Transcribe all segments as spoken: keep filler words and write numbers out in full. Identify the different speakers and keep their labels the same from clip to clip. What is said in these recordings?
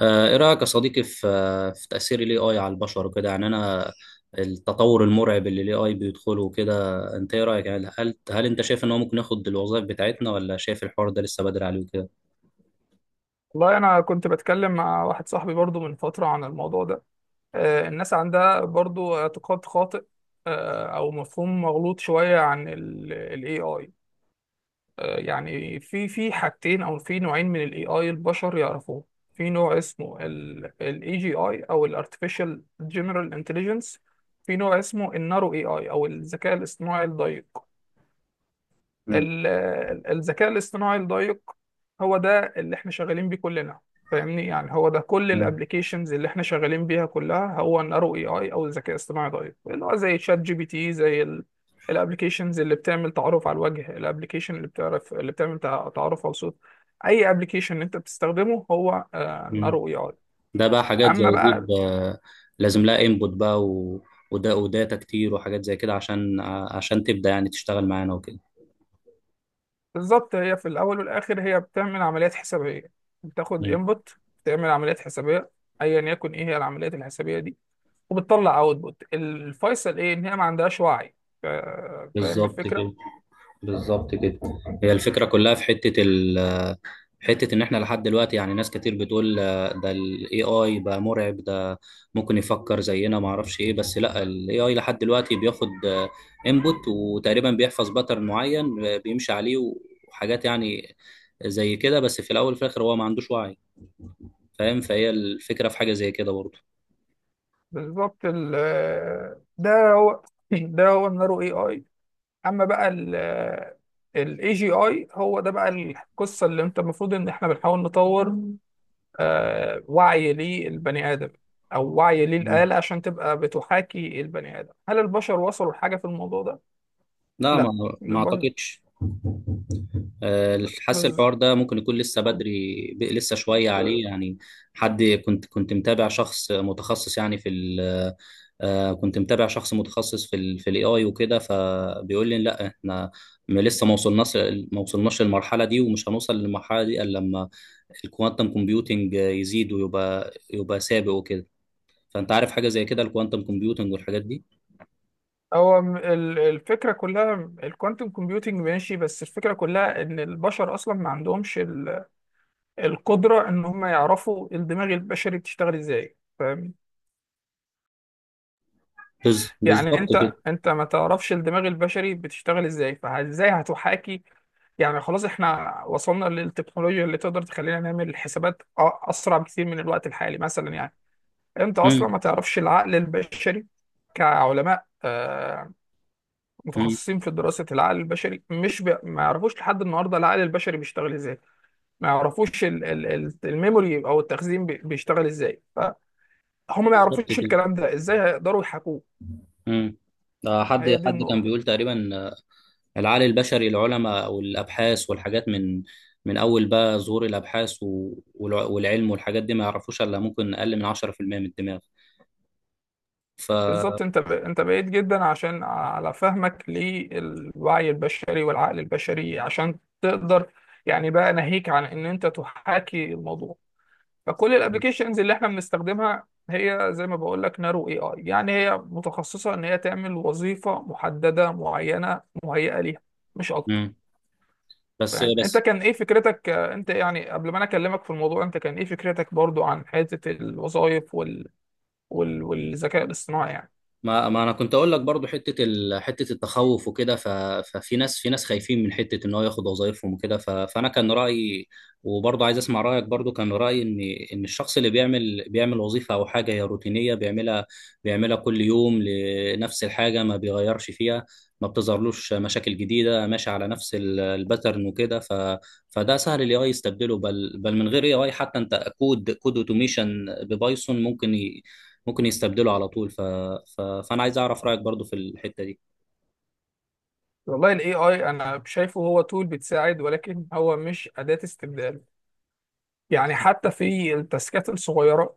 Speaker 1: آه، ايه رايك يا صديقي في آه، في تاثير الاي اي على البشر وكده، يعني انا التطور المرعب اللي الاي اي بيدخله وكده. انت ايه رايك؟ يعني هل هل انت شايف ان هو ممكن ياخد الوظائف بتاعتنا، ولا شايف الحوار ده لسه بدري عليه وكده؟
Speaker 2: والله أنا كنت بتكلم مع واحد صاحبي برضو من فترة عن الموضوع ده. آه، الناس عندها برضو اعتقاد خاطئ آه، أو مفهوم مغلوط شوية عن ال ال إيه. آه، يعني في في حاجتين أو في نوعين من ال إيه البشر يعرفوه. في نوع اسمه ال ال إيه جي إيه أو ال Artificial General Intelligence. في نوع اسمه ال Narrow إيه أو الذكاء الاصطناعي الضيق.
Speaker 1: مم.
Speaker 2: ال- ال- الذكاء الاصطناعي الدقيق هو ده اللي احنا شغالين بيه كلنا. فاهمني، يعني هو ده كل
Speaker 1: مم.
Speaker 2: الابلكيشنز اللي احنا شغالين بيها كلها، هو النارو اي اي او الذكاء الاصطناعي دقيق، اللي هو زي شات جي بي تي، زي الابلكيشنز اللي بتعمل تعرف على الوجه، الابلكيشن اللي بتعرف اللي بتعمل تع- تعرف على الصوت. اي ابلكيشن انت بتستخدمه هو
Speaker 1: مم.
Speaker 2: نارو اي اي.
Speaker 1: ده بقى حاجات
Speaker 2: اما
Speaker 1: زي دي
Speaker 2: بقى
Speaker 1: ب- لازم لها انبوت بقى و... وده وداتا كتير وحاجات زي كده، عشان عشان تبدا يعني تشتغل معانا وكده.
Speaker 2: بالظبط، هي في الاول والاخر هي بتعمل عمليات حسابيه، بتاخد
Speaker 1: مم.
Speaker 2: انبوت، بتعمل عمليات حسابيه ايا يكن ايه هي العمليات الحسابيه دي، وبتطلع اوتبوت. الفيصل ايه؟ ان هي ما عندهاش وعي. ف- فاهم
Speaker 1: بالظبط
Speaker 2: الفكره؟
Speaker 1: كده. بالظبط كده. هي الفكره كلها في حته حتة إن إحنا لحد دلوقتي، يعني ناس كتير بتقول آه، ده ال إيه آي بقى مرعب، ده ممكن يفكر زينا معرفش إيه. بس لأ، ال إيه آي لحد دلوقتي بياخد آه، input، وتقريبا بيحفظ باترن معين آه، بيمشي عليه، وحاجات يعني زي كده. بس في الأول وفي الآخر هو ما عندوش وعي، فاهم؟ فهي الفكرة في حاجة زي كده برضه.
Speaker 2: بالظبط. ال- ده هو ده هو النارو اي اي. اما بقى الاي جي اي، هو ده بقى القصه اللي انت المفروض ان احنا بنحاول نطور آه، وعي للبني ادم، او وعي
Speaker 1: مم.
Speaker 2: للاله عشان تبقى بتحاكي البني ادم. هل البشر وصلوا لحاجه في الموضوع ده؟
Speaker 1: لا، ما
Speaker 2: لا،
Speaker 1: ما
Speaker 2: البشر
Speaker 1: أعتقدش. آه، حاسس
Speaker 2: بس.
Speaker 1: الحوار ده ممكن يكون لسه بدري، ب- لسه شوية عليه يعني. حد كنت كنت متابع شخص متخصص يعني في ال آه، كنت متابع شخص متخصص في ال في الاي اي وكده، فبيقول لي لا، احنا م- لسه ما وصلناش. ما وصلناش للمرحلة دي، ومش هنوصل للمرحلة دي الا لما الكوانتم كومبيوتنج يزيد ويبقى يبقى سابق وكده. فانت عارف حاجة زي كده، الكوانتم كومبيوتنج والحاجات دي؟
Speaker 2: هو م- ال- الفكرة كلها، الكوانتم كومبيوتنج ماشي، بس الفكرة كلها ان البشر اصلا ما عندهمش ال- القدرة ان هم يعرفوا الدماغ البشري بتشتغل ازاي، فاهم؟
Speaker 1: بز-
Speaker 2: يعني
Speaker 1: بالظبط كده.
Speaker 2: انت انت ما تعرفش الدماغ البشري بتشتغل ازاي، فازاي هتحاكي؟ يعني خلاص احنا وصلنا للتكنولوجيا اللي تقدر تخلينا نعمل الحسابات أ- اسرع بكثير من الوقت الحالي مثلا، يعني انت اصلا
Speaker 1: امم.
Speaker 2: ما تعرفش العقل البشري. كعلماء آه،
Speaker 1: امم.
Speaker 2: متخصصين في دراسة العقل البشري، مش ب... ما يعرفوش لحد النهاردة العقل البشري بيشتغل ازاي. ما يعرفوش ال... ال... ال- الميموري او التخزين بي- بيشتغل ازاي، فهم ما
Speaker 1: بالظبط
Speaker 2: يعرفوش
Speaker 1: كده.
Speaker 2: الكلام ده ازاي هيقدروا يحاكوه.
Speaker 1: امم. آه، حد
Speaker 2: هي دي
Speaker 1: حد كان
Speaker 2: النقطة.
Speaker 1: بيقول تقريبا العقل البشري، العلماء والابحاث والحاجات من من اول بقى ظهور الابحاث و- والع- والعلم والحاجات دي، ما يعرفوش الا ممكن اقل من عشرة في المئة من الدماغ. ف
Speaker 2: بالظبط، انت ب... انت بعيد جدا عشان على فهمك للوعي البشري والعقل البشري عشان تقدر، يعني بقى ناهيك عن ان انت تحاكي الموضوع. فكل الابلكيشنز اللي احنا بنستخدمها هي زي ما بقول لك نارو اي اي، يعني هي متخصصه ان هي تعمل وظيفه محدده معينه مهيئه ليها، مش اكتر.
Speaker 1: مم. بس
Speaker 2: فاهم؟ انت
Speaker 1: بس
Speaker 2: كان ايه فكرتك آه، انت يعني قبل ما انا اكلمك في الموضوع، انت كان ايه فكرتك برضو عن حته الوظائف وال... وال... والذكاء الاصطناعي يعني؟
Speaker 1: ما ما انا كنت اقول لك برضو حته ال... حته التخوف وكده ف... ففي ناس، في ناس خايفين من حته ان هو ياخد وظايفهم وكده، ف... فانا كان رايي، وبرضو عايز اسمع رايك. برضو كان رايي ان ان الشخص اللي بيعمل بيعمل وظيفه او حاجه هي روتينيه، بيعملها بيعملها كل يوم لنفس الحاجه، ما بيغيرش فيها، ما بتظهرلوش مشاكل جديده، ماشي على نفس ال- الباترن وكده ف... فده سهل الاي اي يستبدله. بل بل من غير اي اي حتى، انت كود كود اوتوميشن ببايثون ممكن ممكن يستبدله على طول ف... ف... فانا عايز اعرف رايك برضو في الحته دي.
Speaker 2: والله الاي اي انا شايفه هو تول بتساعد، ولكن هو مش اداه استبدال. يعني حتى في التاسكات الصغيره،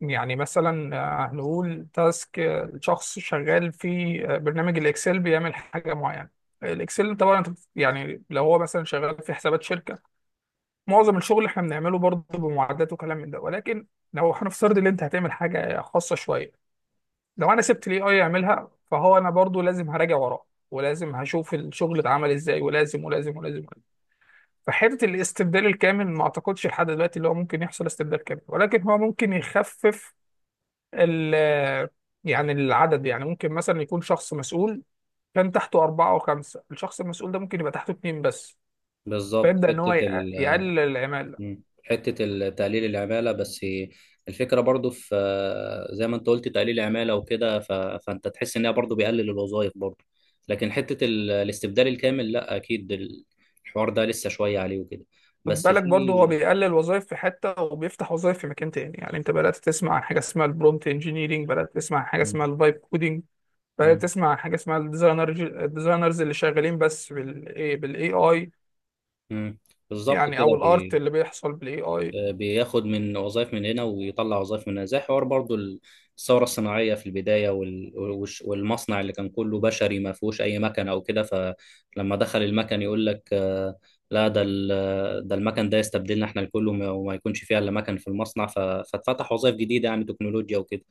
Speaker 2: يعني مثلا آه، هنقول تاسك، آه، شخص شغال في آه، برنامج الاكسل، بيعمل حاجه معينه. الاكسل طبعا أنت بت- يعني لو هو مثلا شغال في حسابات شركه، معظم الشغل اللي احنا بنعمله برضه بمعدات وكلام من ده، ولكن لو هنفترض ان انت هتعمل حاجه خاصه شويه، لو انا سبت الاي اي يعملها، فهو انا برضه لازم هراجع وراه، ولازم هشوف الشغل اتعمل ازاي، ولازم ولازم ولازم ولازم. فحته الاستبدال الكامل ما اعتقدش لحد دلوقتي اللي هو ممكن يحصل استبدال كامل، ولكن هو ممكن يخفف ال- يعني العدد. يعني ممكن مثلا يكون شخص مسؤول كان تحته أربعة أو خمسة، الشخص المسؤول ده ممكن يبقى تحته اتنين بس.
Speaker 1: بالظبط
Speaker 2: فيبدأ إن هو
Speaker 1: حته
Speaker 2: يق-
Speaker 1: ال...
Speaker 2: يقلل العمالة.
Speaker 1: مم. حته ال- تقليل العماله. بس الفكره برضو في زي ما انت قلت، تقليل العماله وكده ف... فانت تحس ان هي برضو بيقلل الوظائف برضو، لكن حته ال... الاستبدال الكامل لا، اكيد ال- الحوار ده لسه شويه عليه وكده.
Speaker 2: خد
Speaker 1: بس
Speaker 2: بالك برضه هو
Speaker 1: في
Speaker 2: بيقلل وظائف في حتة، وبيفتح وظائف في مكان تاني. يعني أنت بدأت تسمع عن حاجة اسمها البرومت انجينيرينج، بدأت تسمع عن حاجة
Speaker 1: مم.
Speaker 2: اسمها الفايب كودينج، بدأت
Speaker 1: مم.
Speaker 2: تسمع عن حاجة اسمها الديزاينر، الديزاينرز اللي شغالين بس بالاي بالاي اي،
Speaker 1: مم. بالظبط
Speaker 2: يعني او
Speaker 1: كده.
Speaker 2: الارت اللي بيحصل بالاي اي.
Speaker 1: بياخد من وظائف من هنا ويطلع وظائف من هنا، زي حوار برضو الثورة الصناعية في البداية، وال- والش- والمصنع اللي كان كله بشري، ما فيهوش أي مكن أو كده، فلما دخل المكن يقول لك آه، لا، ده ال- ده المكن ده يستبدلنا احنا الكل، وما وما يكونش فيها إلا مكن في المصنع ف- فاتفتح وظائف جديدة يعني تكنولوجيا وكده.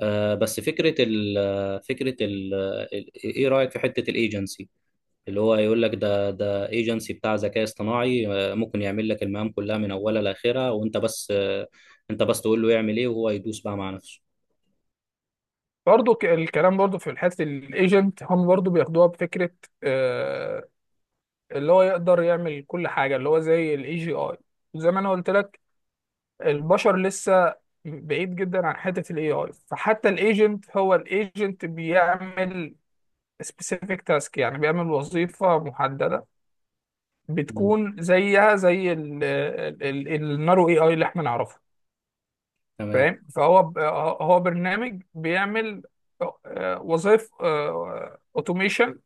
Speaker 1: آه، بس فكرة ال فكرة ال ال- إيه رأيك في حتة الايجنسي، اللي هو يقول لك ده ده ايجنسي بتاع ذكاء اصطناعي، آه، ممكن يعمل لك المهام كلها من اولها لاخرها، وانت بس آه، انت بس تقول له يعمل ايه، وهو يدوس بقى مع نفسه.
Speaker 2: برضه ك- الكلام برضه في حته الايجنت، هم برضه بياخدوها بفكره آه، اللي هو يقدر يعمل كل حاجة، اللي هو زي الاي جي اي. زي ما انا قلت لك، البشر لسه بعيد جدا عن حتة الاي اي. فحتى الايجنت، هو الايجنت بيعمل سبيسيفيك تاسك، يعني بيعمل وظيفة محددة،
Speaker 1: مم.
Speaker 2: بتكون زيها زي ال- ال- ال- النارو اي اي اللي احنا نعرفه.
Speaker 1: تمام.
Speaker 2: فاهم؟ فهو ب- هو برنامج بيعمل وظائف اوتوميشن،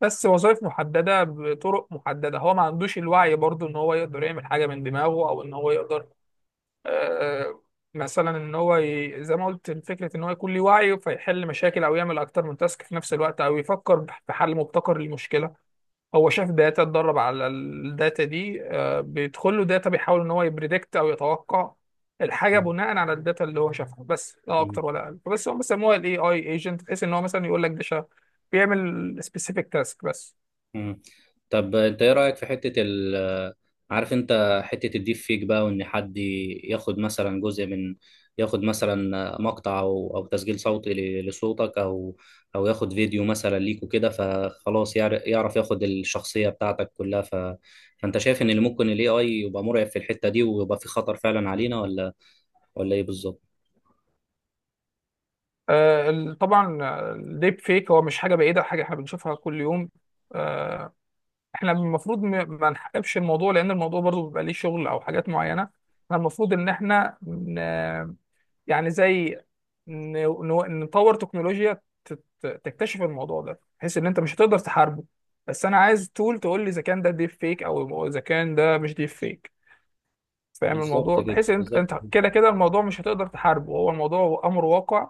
Speaker 2: بس وظائف محددة بطرق محددة. هو ما عندوش الوعي برضو ان هو يقدر يعمل حاجة من دماغه، او ان هو يقدر آه مثلا ان هو ي... زي ما قلت، فكرة ان هو يكون ليه وعي فيحل مشاكل، او يعمل اكتر من تاسك في نفس الوقت، او يفكر بح- في حل مبتكر للمشكلة. هو شاف داتا، اتدرب على الداتا دي، آه، بيدخل له داتا، بيحاول ان هو يبريدكت او يتوقع الحاجة
Speaker 1: مم.
Speaker 2: بناء على الداتا اللي هو شافها، بس لا
Speaker 1: مم.
Speaker 2: اكتر ولا اقل. بس هو بيسموها الاي اي ايجنت، بحيث ان هو مثلا يقول لك ده شا- بيعمل سبيسيفيك تاسك بس.
Speaker 1: مم. طب انت ايه رأيك في حتة ال عارف انت حتة الديب فيك بقى، وان حد ياخد مثلا جزء من، ياخد مثلا مقطع او او تسجيل صوتي ل- لصوتك، او او ياخد فيديو مثلا ليك وكده، فخلاص يعر- يعرف ياخد الشخصية بتاعتك كلها ف... فانت شايف ان اللي ممكن الاي اي يبقى مرعب في الحتة دي ويبقى في خطر فعلا علينا، ولا ولا ايه بالظبط؟
Speaker 2: آه، ال- طبعا الديب فيك هو مش حاجه بعيده، حاجه احنا بنشوفها كل يوم. آه، احنا المفروض م- ما نحققش الموضوع، لان الموضوع برضو بيبقى ليه شغل او حاجات معينه. احنا المفروض ان احنا ن- يعني زي ن- ن- نطور تكنولوجيا تت- تكتشف الموضوع ده، بحيث ان انت مش هتقدر تحاربه. بس انا عايز تول تقول لي اذا كان ده ديب فيك او اذا كان ده مش ديب فيك. فاهم
Speaker 1: بالظبط
Speaker 2: الموضوع؟
Speaker 1: كده.
Speaker 2: بحيث ان انت
Speaker 1: بالظبط.
Speaker 2: أنت كده كده الموضوع مش هتقدر تحاربه، هو الموضوع امر واقع.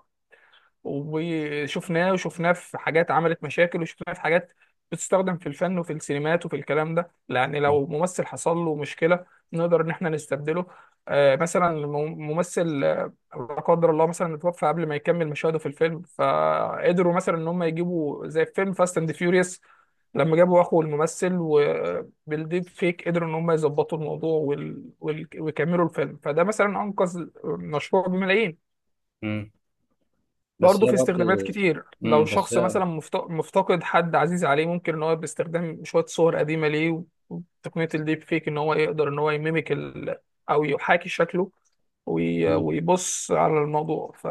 Speaker 2: وشفناه وشفناه في حاجات عملت مشاكل، وشفناه في حاجات بتستخدم في الفن وفي السينمات وفي الكلام ده. يعني لو ممثل حصل له مشكلة، نقدر ان احنا نستبدله. آه، مثلا مم- ممثل، آه، لا قدر الله، مثلا اتوفى قبل ما يكمل مشاهده في الفيلم، فقدروا مثلا ان هم يجيبوا، زي في فيلم فاست اند فيوريوس لما جابوا اخو الممثل وبالديب فيك قدروا ان هم يظبطوا الموضوع وال... وال... ويكملوا الفيلم، فده مثلا انقذ مشروع بملايين.
Speaker 1: مم. بس هي
Speaker 2: برضه في
Speaker 1: برضه
Speaker 2: استخدامات كتير، لو
Speaker 1: مم. بس
Speaker 2: شخص
Speaker 1: هي
Speaker 2: مثلا مفت- مفتقد حد عزيز عليه، ممكن ان هو باستخدام شوية صور قديمة ليه وتقنية الديب فيك ان هو يقدر ان هو يميمك ال... او يحاكي شكله وي...
Speaker 1: مم.
Speaker 2: ويبص على الموضوع. ف...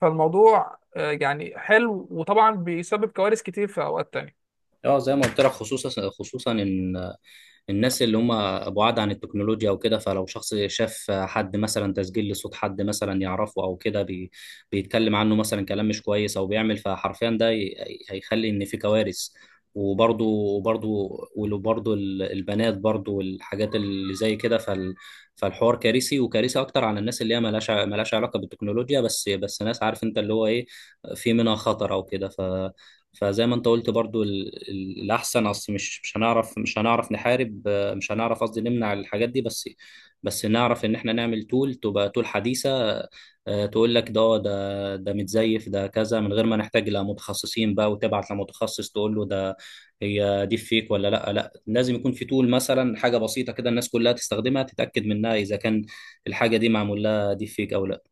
Speaker 2: فالموضوع آه، يعني حلو، وطبعا بيسبب كوارث كتير في اوقات تانية.
Speaker 1: اه، زي ما قلت لك، خصوصا خصوصا ان الناس اللي هم بعاد عن التكنولوجيا وكده، فلو شخص شاف حد مثلا تسجيل لصوت حد مثلا يعرفه او كده، بي بيتكلم عنه مثلا كلام مش كويس او بيعمل، فحرفيا ده ي- هيخلي ان في كوارث. وبرضو وبرضو وبرضو ال- البنات برضو والحاجات اللي زي كده، فال فالحوار كارثي، وكارثي اكتر على الناس اللي هي ملهاش ع- ملهاش علاقه بالتكنولوجيا. بس بس ناس، عارف انت اللي هو ايه، في منها خطر او كده، ف فزي ما انت قلت برضو ال- ال- الاحسن، اصل مش مش هنعرف، مش هنعرف نحارب، آه، مش هنعرف، قصدي نمنع الحاجات دي. بس بس نعرف ان احنا نعمل تول، تبقى تول حديثة، آه، تقول لك ده ده ده متزيف، ده كذا، من غير ما نحتاج لمتخصصين بقى وتبعت لمتخصص تقول له ده هي دي فيك ولا لا. لا لازم يكون في تول مثلا، حاجة بسيطة كده الناس كلها تستخدمها تتأكد منها اذا كان الحاجة دي معمول لها دي فيك او لا.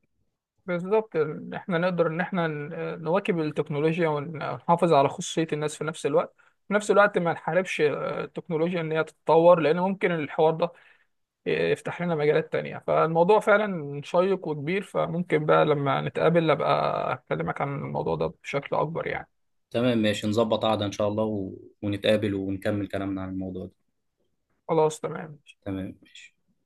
Speaker 2: بالظبط، إن احنا نقدر ان احنا ن- نواكب التكنولوجيا ونحافظ على خصوصية الناس في نفس الوقت. في نفس الوقت ما نحاربش آه، التكنولوجيا ان هي تتطور، لان ممكن الحوار ده يفتح لنا مجالات تانية. فالموضوع فعلا شيق وكبير، فممكن بقى لما نتقابل أبقى أكلمك عن الموضوع ده بشكل أكبر يعني.
Speaker 1: تمام، ماشي، نظبط قعدة ان شاء الله و- ونتقابل ونكمل كلامنا عن الموضوع ده.
Speaker 2: خلاص، تمام.
Speaker 1: تمام ماشي.